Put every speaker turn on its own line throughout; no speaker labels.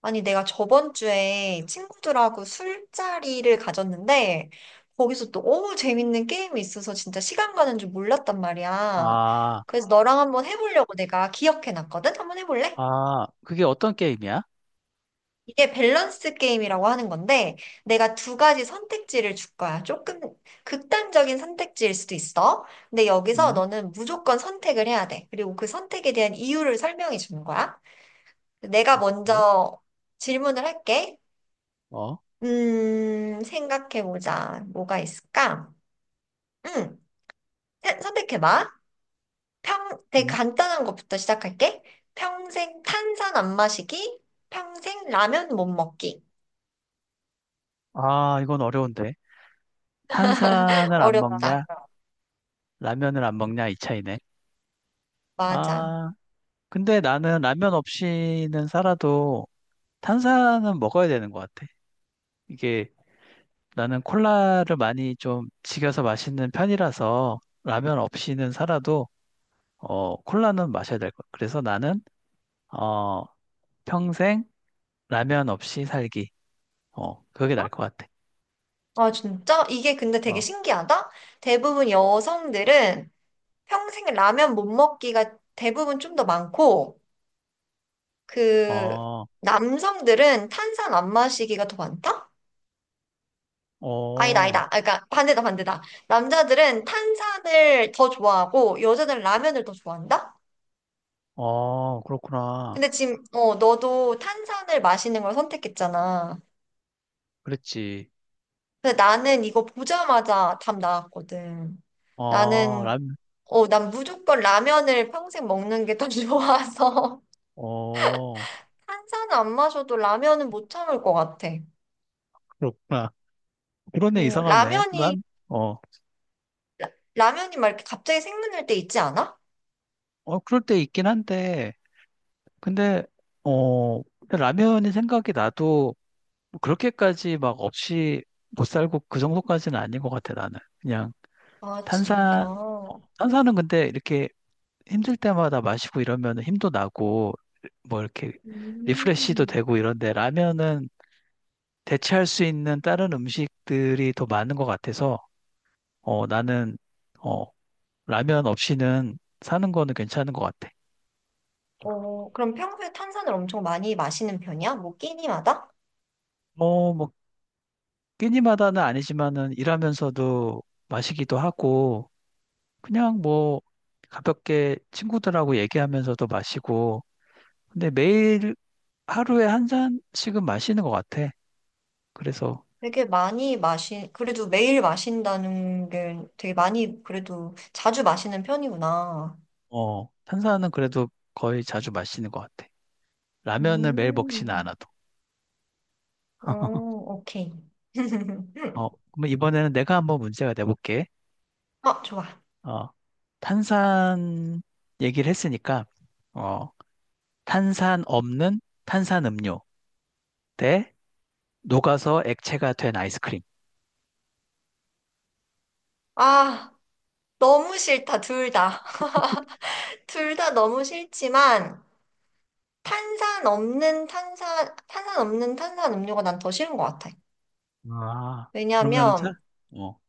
아니, 내가 저번 주에 친구들하고 술자리를 가졌는데, 거기서 또 너무 재밌는 게임이 있어서 진짜 시간 가는 줄 몰랐단 말이야.
아,
그래서 너랑 한번 해보려고 내가 기억해놨거든? 한번 해볼래?
아, 그게 어떤 게임이야?
이게 밸런스 게임이라고 하는 건데, 내가 두 가지 선택지를 줄 거야. 조금 극단적인 선택지일 수도 있어. 근데 여기서
음,
너는 무조건 선택을 해야 돼. 그리고 그 선택에 대한 이유를 설명해 주는 거야. 내가
예?
먼저 질문을 할게.
어,
생각해보자. 뭐가 있을까? 음, 선택해봐. 평, 되게
음.
간단한 것부터 시작할게. 평생 탄산 안 마시기, 평생 라면 못 먹기.
아, 이건 어려운데. 탄산을 안
어렵다.
먹냐? 라면을 안 먹냐? 이 차이네.
맞아.
아, 근데 나는 라면 없이는 살아도 탄산은 먹어야 되는 것 같아. 이게 나는 콜라를 많이 좀 즐겨서 마시는 편이라서 라면 없이는 살아도 콜라는 마셔야 될 것 같아. 그래서 나는 어, 평생 라면 없이 살기. 어, 그게 나을 것 같아.
아, 진짜? 이게 근데 되게
어.
신기하다? 대부분 여성들은 평생 라면 못 먹기가 대부분 좀 더 많고, 그,
어.
남성들은 탄산 안 마시기가 더 많다? 아니다,
어,
아니다. 아, 그러니까 반대다, 반대다. 남자들은 탄산을 더 좋아하고 여자들은 라면을 더 좋아한다?
어, 그렇구나.
근데 지금 너도 탄산을 마시는 걸 선택했잖아.
그랬지.
근데 나는 이거 보자마자 답 나왔거든.
어,
나는
라면,
난 무조건 라면을 평생 먹는 게 더 좋아서
어,
탄산안 마셔도 라면은 못 참을 것 같아.
그렇구나. 그러네,
어,
이상하네.
라면이
난, 어,
라면이 막 이렇게 갑자기 생각날 때 있지 않아?
어, 그럴 때 있긴 한데, 근데, 어, 근데 라면이 생각이 나도 그렇게까지 막 없이 못 살고 그 정도까지는 아닌 것 같아, 나는. 그냥
아, 진짜.
탄산, 탄산은 근데 이렇게 힘들 때마다 마시고 이러면 힘도 나고, 뭐 이렇게 리프레쉬도
음.
되고 이런데, 라면은 대체할 수 있는 다른 음식들이 더 많은 것 같아서 어, 나는 어, 라면 없이는 사는 거는 괜찮은 것 같아.
어, 그럼 평소에 탄산을 엄청 많이 마시는 편이야? 뭐 끼니마다?
어, 뭐 끼니마다는 아니지만은 일하면서도 마시기도 하고 그냥 뭐 가볍게 친구들하고 얘기하면서도 마시고 근데 매일 하루에 한 잔씩은 마시는 것 같아. 그래서
그래도 매일 마신다는 게 되게 많이, 그래도 자주 마시는 편이구나.
어, 탄산은 그래도 거의 자주 마시는 것 같아. 라면을 매일 먹지는
음,
않아도.
오, 오케이.
어, 그럼 이번에는 내가 한번 문제가 돼볼게.
어, 좋아.
어, 탄산 얘기를 했으니까, 어, 탄산 없는 탄산 음료 대 녹아서 액체가 된 아이스크림.
아, 너무 싫다, 둘 다. 둘 다 너무 싫지만, 탄산 없는 탄산 음료가 난 더 싫은 것 같아.
아, 그러면은 차?
왜냐면,
어,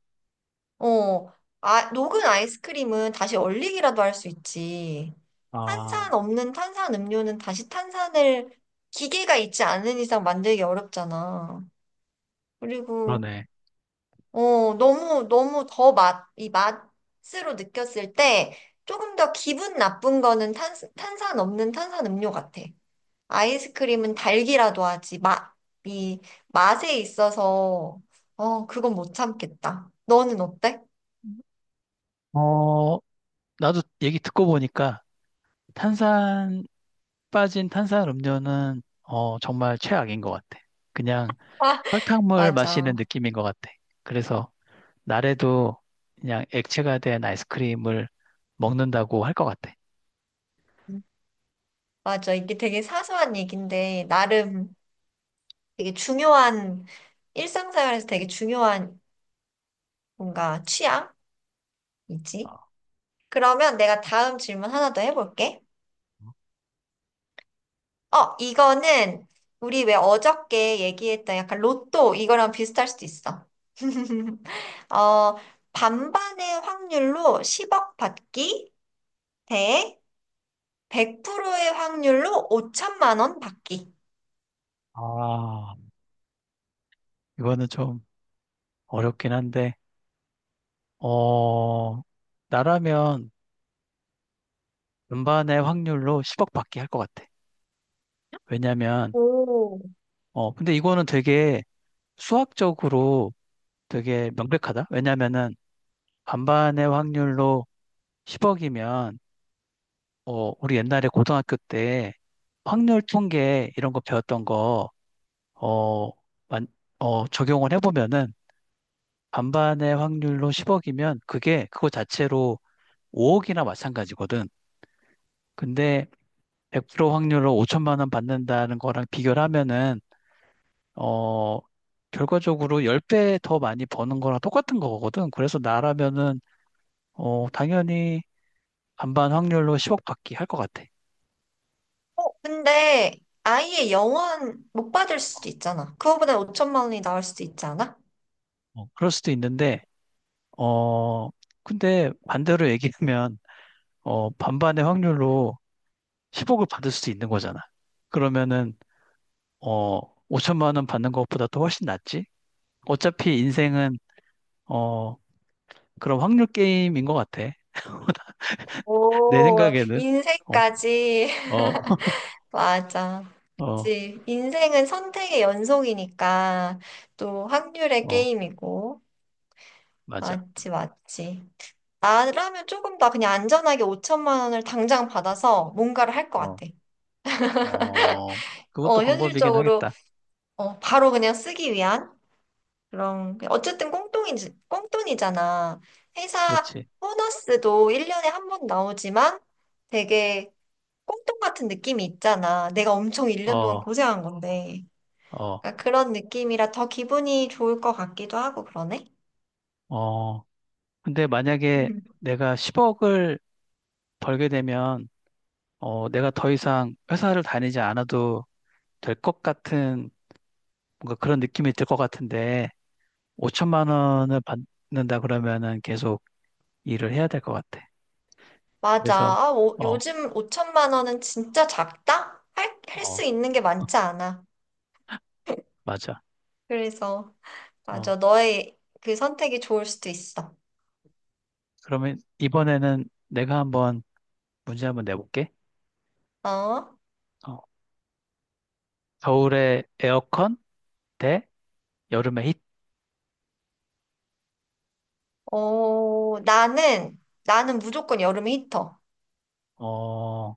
어, 아, 녹은 아이스크림은 다시 얼리기라도 할 수 있지.
아,
탄산 없는 탄산 음료는 다시 탄산을 기계가 있지 않은 이상 만들기 어렵잖아. 그리고,
그러네.
너무 더 맛, 이 맛으로 느꼈을 때 조금 더 기분 나쁜 거는 탄산 없는 탄산 음료 같아. 아이스크림은 달기라도 하지. 맛, 이 맛에 있어서, 어, 그건 못 참겠다. 너는 어때?
어, 나도 얘기 듣고 보니까 탄산, 빠진 탄산 음료는 어, 정말 최악인 것 같아. 그냥 설탕물 마시는
맞아.
느낌인 것 같아. 그래서 나래도 그냥 액체가 된 아이스크림을 먹는다고 할 것 같아.
맞아. 이게 되게 사소한 얘기인데, 나름 되게 중요한, 일상생활에서 되게 중요한 뭔가
어.
취향이지. 그러면 내가 다음 질문 하나 더 해볼게. 어, 이거는 우리 왜 어저께 얘기했던 약간 로또 이거랑 비슷할 수도 있어. 어, 반반의 확률로 10억 받기 대 100%의 확률로 5천만 원 받기.
아, 이거는 좀 어렵긴 한데, 어, 나라면 음반의 확률로 10억 받기 할 것 같아. 왜냐면,
오.
어, 근데 이거는 되게 수학적으로 되게 명백하다. 왜냐면은 반반의 확률로 10억이면, 어, 우리 옛날에 고등학교 때 확률 통계 이런 거 배웠던 거, 어, 만- 어, 적용을 해보면은 반반의 확률로 10억이면 그게 그거 자체로 5억이나 마찬가지거든. 근데 100% 확률로 5천만 원 받는다는 거랑 비교를 하면은 어 결과적으로 10배 더 많이 버는 거랑 똑같은 거거든. 그래서 나라면은 어 당연히 반반 확률로 10억 받기 할 것 같아.
어, 근데 아예 영원 못 받을 수도 있잖아. 그거보다 5천만 원이 나올 수도 있지 않아?
어, 그럴 수도 있는데 어 근데 반대로 얘기하면 어 반반의 확률로 10억을 받을 수도 있는 거잖아. 그러면은 어 5천만 원 받는 것보다 또 훨씬 낫지. 어차피 인생은 어 그런 확률 게임인 것 같아. 내
오,
생각에는 어,
인생까지.
어,
맞아.
어,
그치. 인생은 선택의 연속이니까 또 확률의
어,
게임이고.
맞아.
맞지, 맞지. 나라면 조금 더 그냥 안전하게 5천만 원을 당장 받아서 뭔가를 할 것
어,
같아.
어, 그것도
어,
방법이긴
현실적으로,
하겠다.
어, 바로 그냥 쓰기 위한? 그럼 어쨌든 꽁돈이잖아. 회사
그렇지.
보너스도 1년에 한 번 나오지만 되게 꽁돈 같은 느낌이 있잖아. 내가 엄청 1년 동안
어,
고생한 건데.
어,
그러니까 그런 느낌이라 더 기분이 좋을 것 같기도 하고 그러네.
어. 근데 만약에
음.
내가 10억을 벌게 되면 어, 내가 더 이상 회사를 다니지 않아도 될 것 같은 뭔가 그런 느낌이 들 것 같은데 5천만 원을 받는다 그러면은 계속 일을 해야 될 것 같아.
맞아.
그래서
아, 오-
어,
요즘 5천만 원은 진짜 작다? 할, 할
어,
수 있는 게 많지 않아.
맞아.
그래서 맞아.
어,
너의 그 선택이 좋을 수도 있어.
그러면 이번에는 내가 한번 문제 한번 내볼게.
어?
어, 겨울에 에어컨 대 여름에 히트.
어, 나는, 나는 무조건 여름 히터.
어,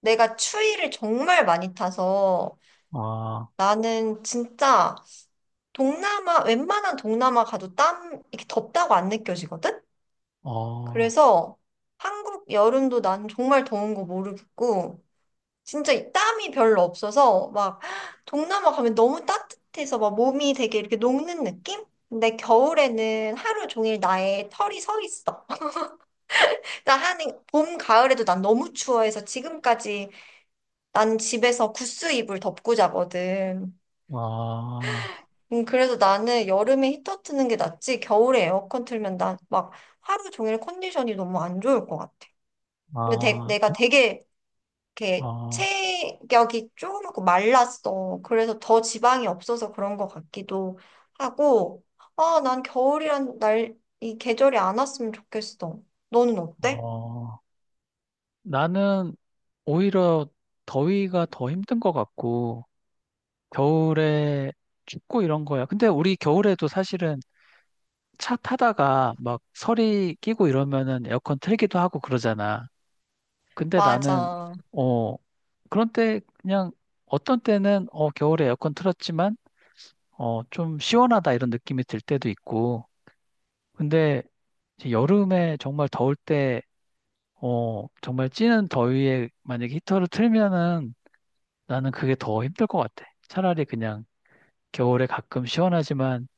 내가 추위를 정말 많이 타서
어,
나는 진짜 동남아, 웬만한 동남아 가도 땀, 이렇게 덥다고 안 느껴지거든?
어,
그래서 한국 여름도 난 정말 더운 거 모르겠고, 진짜 이 땀이 별로 없어서 막 동남아 가면 너무 따뜻해서 막 몸이 되게 이렇게 녹는 느낌? 근데 겨울에는 하루 종일 나의 털이 서 있어. 나 하는 봄, 가을에도 난 너무 추워해서 지금까지 난 집에서 구스 이불 덮고 자거든.
어,
그래서 나는 여름에 히터 트는 게 낫지 겨울에 에어컨 틀면 난 막 하루 종일 컨디션이 너무 안 좋을 것 같아. 근데
어,
내가 되게 이렇게
어,
체격이 쪼그랗고 말랐어. 그래서 더 지방이 없어서 그런 것 같기도 하고, 아, 난 겨울이란 날, 이 계절이 안 왔으면 좋겠어. 너는 어때?
어. 나는 오히려 더위가 더 힘든 것 같고, 겨울에 춥고 이런 거야. 근데 우리 겨울에도 사실은 차 타다가 막 서리 끼고 이러면은 에어컨 틀기도 하고 그러잖아. 근데 나는,
맞아.
어, 그런 때 그냥 어떤 때는 어, 겨울에 에어컨 틀었지만 어, 좀 시원하다 이런 느낌이 들 때도 있고 근데 이제 여름에 정말 더울 때 어, 정말 찌는 더위에 만약에 히터를 틀면은 나는 그게 더 힘들 것 같아. 차라리 그냥 겨울에 가끔 시원하지만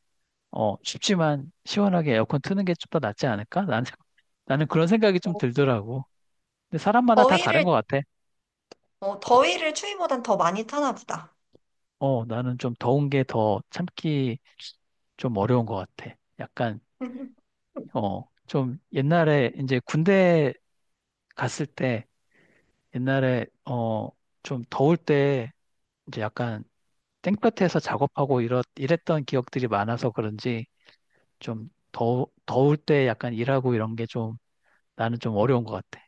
어, 춥지만 시원하게 에어컨 트는 게 좀 더 낫지 않을까? 나는 나는 그런 생각이 좀
어,
들더라고. 근데 사람마다 다 다른
더위를
것 같아.
어, 더위를 추위보단 더 많이 타나 보다.
어, 나는 좀 더운 게 더 참기 좀 어려운 것 같아. 약간
음.
어, 좀 옛날에 이제 군대 갔을 때 옛날에 어, 좀 더울 때 이제 약간 땡볕에서 작업하고 이랬던 기억들이 많아서 그런지 좀 더울 때 약간 일하고 이런 게 좀 나는 좀 어려운 것 같아.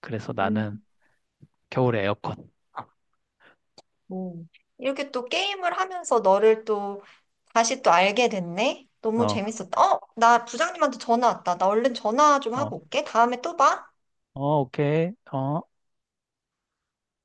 그래서 나는 겨울에 에어컨.
뭐. 이렇게 또 게임을 하면서 너를 또 다시 또 알게 됐네. 너무
어,
재밌었다. 어, 나 부장님한테 전화 왔다. 나 얼른 전화 좀
어,
하고 올게. 다음에 또 봐.
어, 오케이. 어.